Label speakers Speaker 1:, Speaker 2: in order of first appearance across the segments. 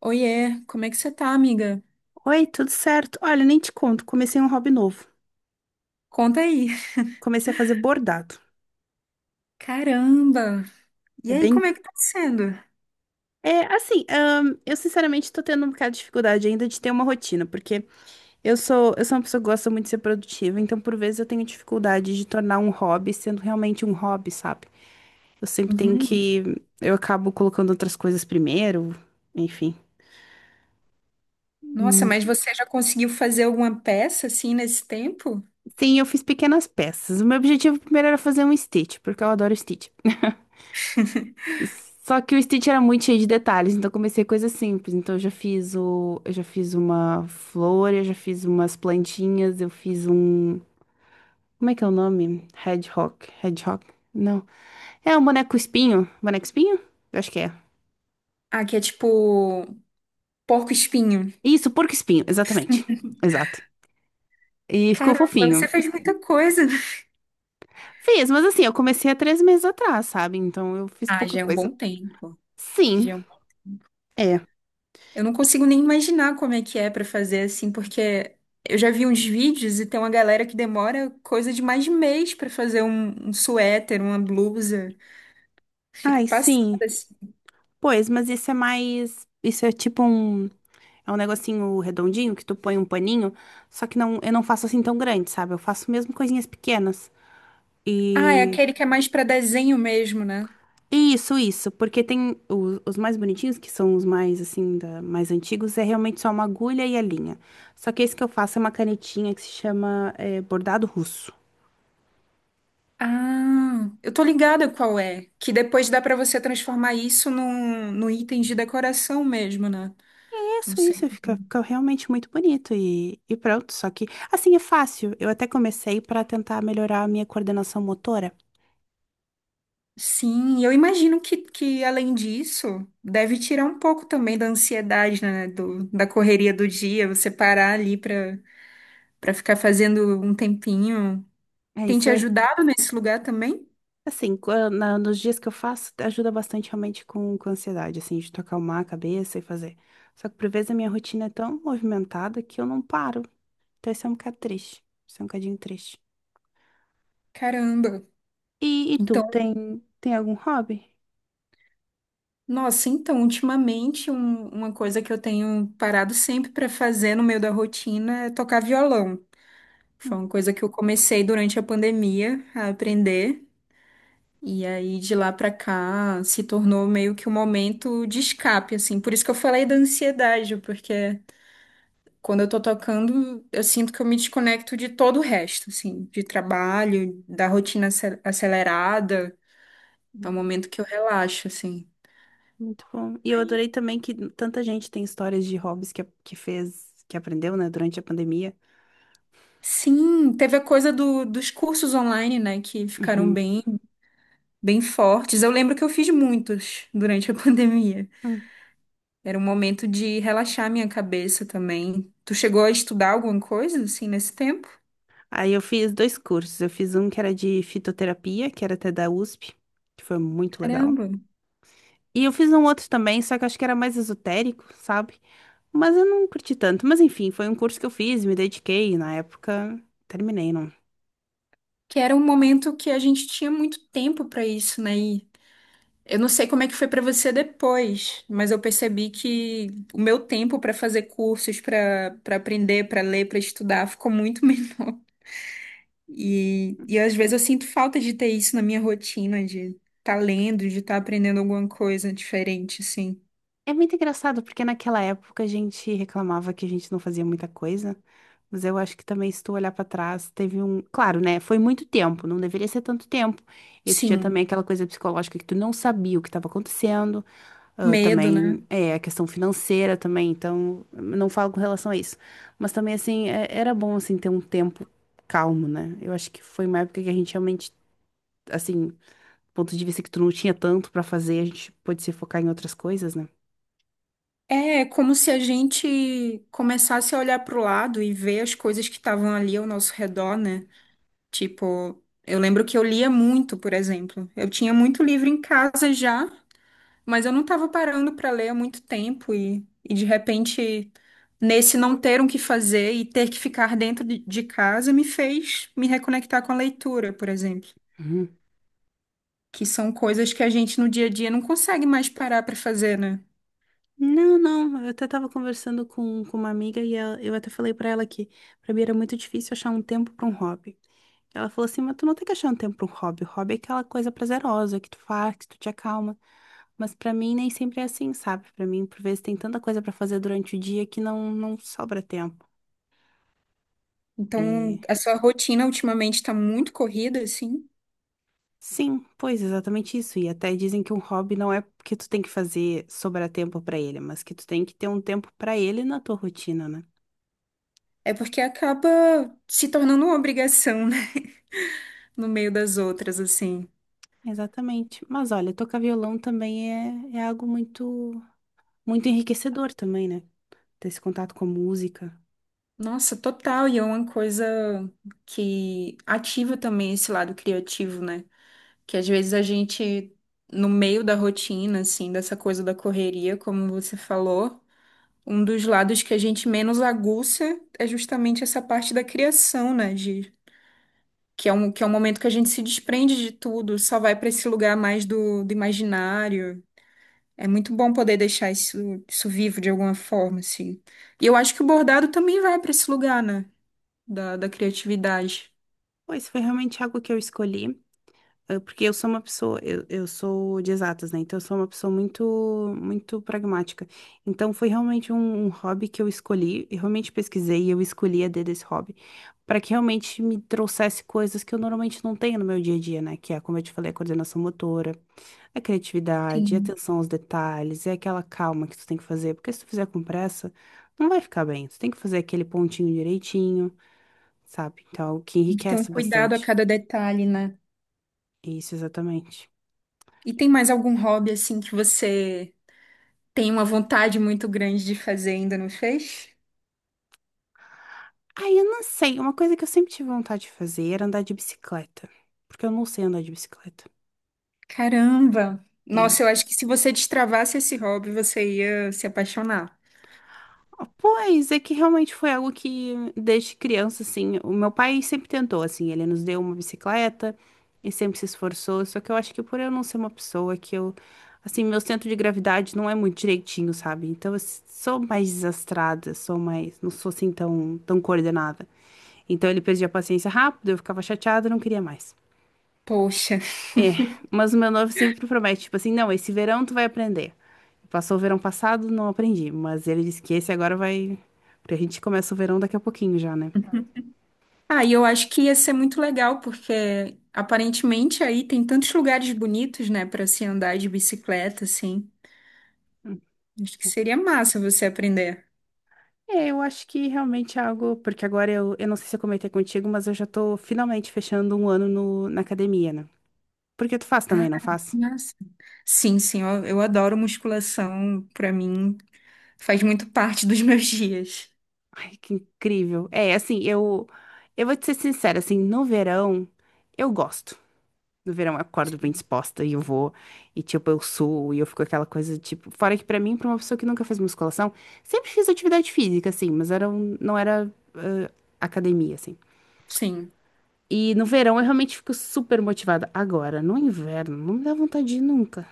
Speaker 1: Oiê, como é que você tá, amiga?
Speaker 2: Oi, tudo certo? Olha, nem te conto, comecei um hobby novo.
Speaker 1: Conta aí.
Speaker 2: Comecei a fazer bordado.
Speaker 1: Caramba! E
Speaker 2: É
Speaker 1: aí,
Speaker 2: bem.
Speaker 1: como é que tá sendo?
Speaker 2: É assim, eu sinceramente tô tendo um bocado de dificuldade ainda de ter uma rotina, porque eu sou uma pessoa que gosta muito de ser produtiva, então por vezes eu tenho dificuldade de tornar um hobby sendo realmente um hobby, sabe? Eu sempre tenho
Speaker 1: Uhum.
Speaker 2: que. Eu acabo colocando outras coisas primeiro, enfim.
Speaker 1: Nossa,
Speaker 2: Hum,
Speaker 1: mas você já conseguiu fazer alguma peça assim nesse tempo?
Speaker 2: Sim, eu fiz pequenas peças. O meu objetivo primeiro era fazer um Stitch, porque eu adoro Stitch. Só que o Stitch era muito cheio de detalhes, então eu comecei coisas simples. Então eu já fiz uma flor, eu já fiz umas plantinhas, eu fiz um, como é que é o nome? Hedgehog, Hedgehog? Não. É um boneco espinho, boneco espinho? Eu acho que é.
Speaker 1: Ah, que é tipo porco-espinho.
Speaker 2: Isso, porco espinho, exatamente. Exato. E ficou
Speaker 1: Caramba,
Speaker 2: fofinho.
Speaker 1: você fez muita coisa.
Speaker 2: Fiz, mas assim, eu comecei há 3 meses atrás, sabe? Então eu fiz
Speaker 1: Ah,
Speaker 2: pouca
Speaker 1: já é um
Speaker 2: coisa.
Speaker 1: bom tempo.
Speaker 2: Sim,
Speaker 1: Já é
Speaker 2: é.
Speaker 1: eu não consigo nem imaginar como é que é pra fazer assim, porque eu já vi uns vídeos e tem uma galera que demora coisa de mais de mês pra fazer um suéter, uma blusa. Fico
Speaker 2: Ai,
Speaker 1: passada
Speaker 2: sim.
Speaker 1: assim.
Speaker 2: Pois, mas isso é tipo um. É um negocinho redondinho que tu põe um paninho, só que não, eu não faço assim tão grande, sabe? Eu faço mesmo coisinhas pequenas.
Speaker 1: Ah, é
Speaker 2: E
Speaker 1: aquele que é mais pra desenho mesmo, né?
Speaker 2: e isso, isso, porque tem os mais bonitinhos, que são os mais assim, mais antigos, é realmente só uma agulha e a linha. Só que esse que eu faço é uma canetinha que se chama é, bordado russo.
Speaker 1: Ah, eu tô ligada qual é, que depois dá pra você transformar isso num item de decoração mesmo, né? Não
Speaker 2: Isso,
Speaker 1: sei.
Speaker 2: isso, fica, fica realmente muito bonito e pronto. Só que assim é fácil. Eu até comecei para tentar melhorar a minha coordenação motora.
Speaker 1: Sim, eu imagino que além disso, deve tirar um pouco também da ansiedade, né? Da correria do dia, você parar ali pra ficar fazendo um tempinho.
Speaker 2: É
Speaker 1: Tem
Speaker 2: isso,
Speaker 1: te
Speaker 2: é.
Speaker 1: ajudado nesse lugar também?
Speaker 2: Assim, nos dias que eu faço, ajuda bastante realmente com ansiedade, assim, de tu acalmar a cabeça e fazer. Só que por vezes a minha rotina é tão movimentada que eu não paro. Então isso é um bocado triste. Isso é um bocadinho triste.
Speaker 1: Caramba.
Speaker 2: E, e tu,
Speaker 1: Então,
Speaker 2: tem, tem algum hobby?
Speaker 1: nossa, então, ultimamente, uma coisa que eu tenho parado sempre para fazer no meio da rotina é tocar violão. Foi
Speaker 2: Hum.
Speaker 1: uma coisa que eu comecei durante a pandemia a aprender. E aí, de lá para cá, se tornou meio que um momento de escape, assim. Por isso que eu falei da ansiedade, porque quando eu tô tocando, eu sinto que eu me desconecto de todo o resto, assim, de trabalho, da rotina acelerada. É um
Speaker 2: Uhum.
Speaker 1: momento que eu relaxo, assim.
Speaker 2: Muito bom. E eu adorei também que tanta gente tem histórias de hobbies que fez, que aprendeu, né, durante a pandemia.
Speaker 1: Sim, teve a coisa dos cursos online, né, que ficaram
Speaker 2: Uhum.
Speaker 1: bem, bem fortes. Eu lembro que eu fiz muitos durante a pandemia.
Speaker 2: Hum.
Speaker 1: Era um momento de relaxar minha cabeça também. Tu chegou a estudar alguma coisa assim nesse tempo?
Speaker 2: Aí eu fiz dois cursos. Eu fiz um que era de fitoterapia, que era até da USP, que foi muito legal.
Speaker 1: Caramba,
Speaker 2: E eu fiz um outro também, só que eu acho que era mais esotérico, sabe? Mas eu não curti tanto. Mas enfim, foi um curso que eu fiz, me dediquei, e na época terminei, não.
Speaker 1: que era um momento que a gente tinha muito tempo para isso, né? E eu não sei como é que foi para você depois, mas eu percebi que o meu tempo para fazer cursos, para aprender, para ler, para estudar ficou muito menor. E às vezes eu sinto falta de ter isso na minha rotina, de estar tá lendo, de estar aprendendo alguma coisa diferente, assim.
Speaker 2: É muito engraçado, porque naquela época a gente reclamava que a gente não fazia muita coisa, mas eu acho que também, se tu olhar pra trás, teve um. Claro, né? Foi muito tempo, não deveria ser tanto tempo. E tu tinha
Speaker 1: Sim,
Speaker 2: também aquela coisa psicológica que tu não sabia o que estava acontecendo, ah,
Speaker 1: medo, né?
Speaker 2: também é a questão financeira também, então não falo com relação a isso. Mas também, assim, era bom, assim, ter um tempo calmo, né? Eu acho que foi uma época que a gente realmente, assim, do ponto de vista que tu não tinha tanto pra fazer, a gente pôde se focar em outras coisas, né?
Speaker 1: É como se a gente começasse a olhar para o lado e ver as coisas que estavam ali ao nosso redor, né? Tipo, eu lembro que eu lia muito, por exemplo. Eu tinha muito livro em casa já, mas eu não estava parando para ler há muito tempo e de repente, nesse não ter o que fazer e ter que ficar dentro de casa, me fez me reconectar com a leitura, por exemplo,
Speaker 2: Uhum.
Speaker 1: que são coisas que a gente no dia a dia não consegue mais parar para fazer, né?
Speaker 2: Não, não, eu até tava conversando com uma amiga e eu até falei pra ela que pra mim era muito difícil achar um tempo pra um hobby. Ela falou assim, mas tu não tem que achar um tempo pra um hobby. O hobby é aquela coisa prazerosa que tu faz, que tu te acalma. Mas pra mim nem sempre é assim, sabe? Pra mim, por vezes tem tanta coisa pra fazer durante o dia que não, não sobra tempo.
Speaker 1: Então,
Speaker 2: E
Speaker 1: a sua rotina ultimamente está muito corrida, assim,
Speaker 2: sim, pois exatamente isso. E até dizem que um hobby não é que tu tem que fazer sobrar tempo pra ele, mas que tu tem que ter um tempo pra ele na tua rotina, né?
Speaker 1: é porque acaba se tornando uma obrigação, né? No meio das outras, assim.
Speaker 2: Exatamente. Mas olha, tocar violão também é algo muito, muito enriquecedor também, né? Ter esse contato com a música.
Speaker 1: Nossa, total, e é uma coisa que ativa também esse lado criativo, né? Que às vezes a gente, no meio da rotina, assim, dessa coisa da correria, como você falou, um dos lados que a gente menos aguça é justamente essa parte da criação, né? Que é um momento que a gente se desprende de tudo, só vai para esse lugar mais do imaginário. É muito bom poder deixar isso, isso vivo de alguma forma, assim. E eu acho que o bordado também vai para esse lugar, né? Da criatividade.
Speaker 2: Pois foi realmente algo que eu escolhi, porque eu sou uma pessoa, eu sou de exatas, né? Então eu sou uma pessoa muito, muito pragmática. Então foi realmente um hobby que eu escolhi, eu realmente pesquisei e eu escolhi a dedo esse hobby, para que realmente me trouxesse coisas que eu normalmente não tenho no meu dia a dia, né? Que é, como eu te falei, a coordenação motora. É criatividade, é
Speaker 1: Sim.
Speaker 2: atenção aos detalhes, é aquela calma que tu tem que fazer, porque se tu fizer com pressa, não vai ficar bem. Tu tem que fazer aquele pontinho direitinho, sabe? Então, é o que
Speaker 1: Tem que ter um
Speaker 2: enriquece
Speaker 1: cuidado a
Speaker 2: bastante.
Speaker 1: cada detalhe, né?
Speaker 2: Isso, exatamente.
Speaker 1: E tem mais algum hobby assim que você tem uma vontade muito grande de fazer e ainda não fez?
Speaker 2: Ah, eu não sei. Uma coisa que eu sempre tive vontade de fazer era andar de bicicleta, porque eu não sei andar de bicicleta.
Speaker 1: Caramba!
Speaker 2: É.
Speaker 1: Nossa, eu acho que se você destravasse esse hobby, você ia se apaixonar.
Speaker 2: Pois é que realmente foi algo que desde criança assim, o meu pai sempre tentou assim, ele nos deu uma bicicleta e sempre se esforçou, só que eu acho que por eu não ser uma pessoa que eu assim, meu centro de gravidade não é muito direitinho, sabe? Então sou mais desastrada, sou mais, não sou assim tão tão coordenada. Então ele perdia a paciência rápido, eu ficava chateada, não queria mais.
Speaker 1: Poxa.
Speaker 2: Mas o meu noivo sempre promete, tipo assim, não, esse verão tu vai aprender. Passou o verão passado, não aprendi, mas ele disse que esse agora vai. Porque a gente começa o verão daqui a pouquinho já, né?
Speaker 1: Ah, e eu acho que ia ser muito legal, porque aparentemente aí tem tantos lugares bonitos, né, para se andar de bicicleta, assim. Acho que seria massa você aprender.
Speaker 2: É, eu acho que realmente é algo. Porque agora eu não sei se eu comentei contigo, mas eu já tô finalmente fechando um ano no, na academia, né? Porque tu faz
Speaker 1: Ah,
Speaker 2: também, não faz?
Speaker 1: nossa. Sim, sim, eu adoro musculação, pra mim faz muito parte dos meus dias.
Speaker 2: Ai, que incrível. É, assim, eu. Eu vou te ser sincera, assim, no verão, eu gosto. No verão eu acordo bem disposta e eu vou, e tipo, eu suo, e eu fico aquela coisa, tipo, fora que pra mim, pra uma pessoa que nunca fez musculação, sempre fiz atividade física, assim, mas era um, não era academia, assim.
Speaker 1: Sim.
Speaker 2: E no verão eu realmente fico super motivada. Agora, no inverno, não me dá vontade de ir nunca.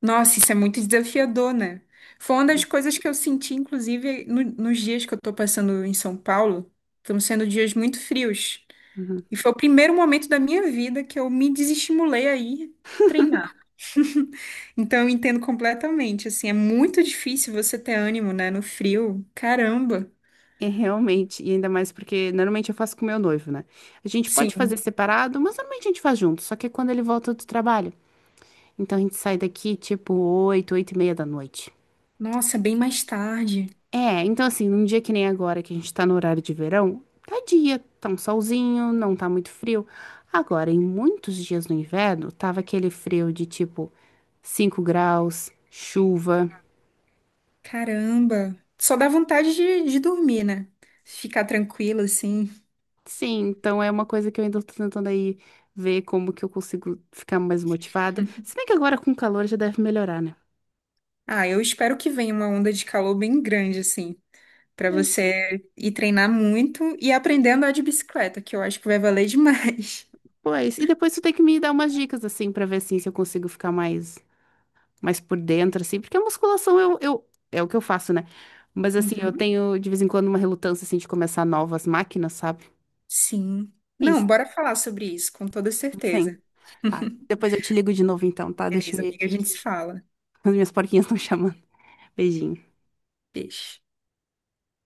Speaker 1: Nossa, isso é muito desafiador, né? Foi uma das coisas que eu senti, inclusive, nos dias que eu tô passando em São Paulo. Estão sendo dias muito frios.
Speaker 2: Uhum.
Speaker 1: E foi o primeiro momento da minha vida que eu me desestimulei a ir treinar. Então, eu entendo completamente. Assim, é muito difícil você ter ânimo, né? No frio. Caramba.
Speaker 2: É realmente, e ainda mais porque normalmente eu faço com meu noivo, né? A gente pode
Speaker 1: Sim.
Speaker 2: fazer separado, mas normalmente a gente faz junto, só que é quando ele volta do trabalho. Então a gente sai daqui tipo oito, 8 e meia da noite.
Speaker 1: Nossa, bem mais tarde.
Speaker 2: É, então assim, num dia que nem agora, que a gente tá no horário de verão, tá dia, tá um solzinho, não tá muito frio. Agora, em muitos dias no inverno, tava aquele frio de tipo 5 graus, chuva.
Speaker 1: Caramba. Só dá vontade de dormir, né? Ficar tranquilo, assim.
Speaker 2: Sim, então é uma coisa que eu ainda tô tentando aí ver como que eu consigo ficar mais motivada. Se bem que agora com o calor já deve melhorar, né?
Speaker 1: Ah, eu espero que venha uma onda de calor bem grande, assim, pra
Speaker 2: Pois,
Speaker 1: você ir treinar muito e aprender a andar de bicicleta, que eu acho que vai valer demais.
Speaker 2: pois. E depois tu tem que me dar umas dicas assim pra ver assim se eu consigo ficar mais mas por dentro, assim, porque a musculação é o que eu faço, né? Mas assim, eu
Speaker 1: Uhum.
Speaker 2: tenho de vez em quando uma relutância, assim, de começar novas máquinas, sabe?
Speaker 1: Sim.
Speaker 2: É
Speaker 1: Não,
Speaker 2: isso.
Speaker 1: bora falar sobre isso, com toda certeza.
Speaker 2: Sim. Tá. Depois eu te ligo de novo então, tá? Deixa eu
Speaker 1: Beleza,
Speaker 2: ver
Speaker 1: amiga, a
Speaker 2: aqui
Speaker 1: gente se
Speaker 2: que
Speaker 1: fala.
Speaker 2: as minhas porquinhas estão chamando. Beijinho.
Speaker 1: Beijo.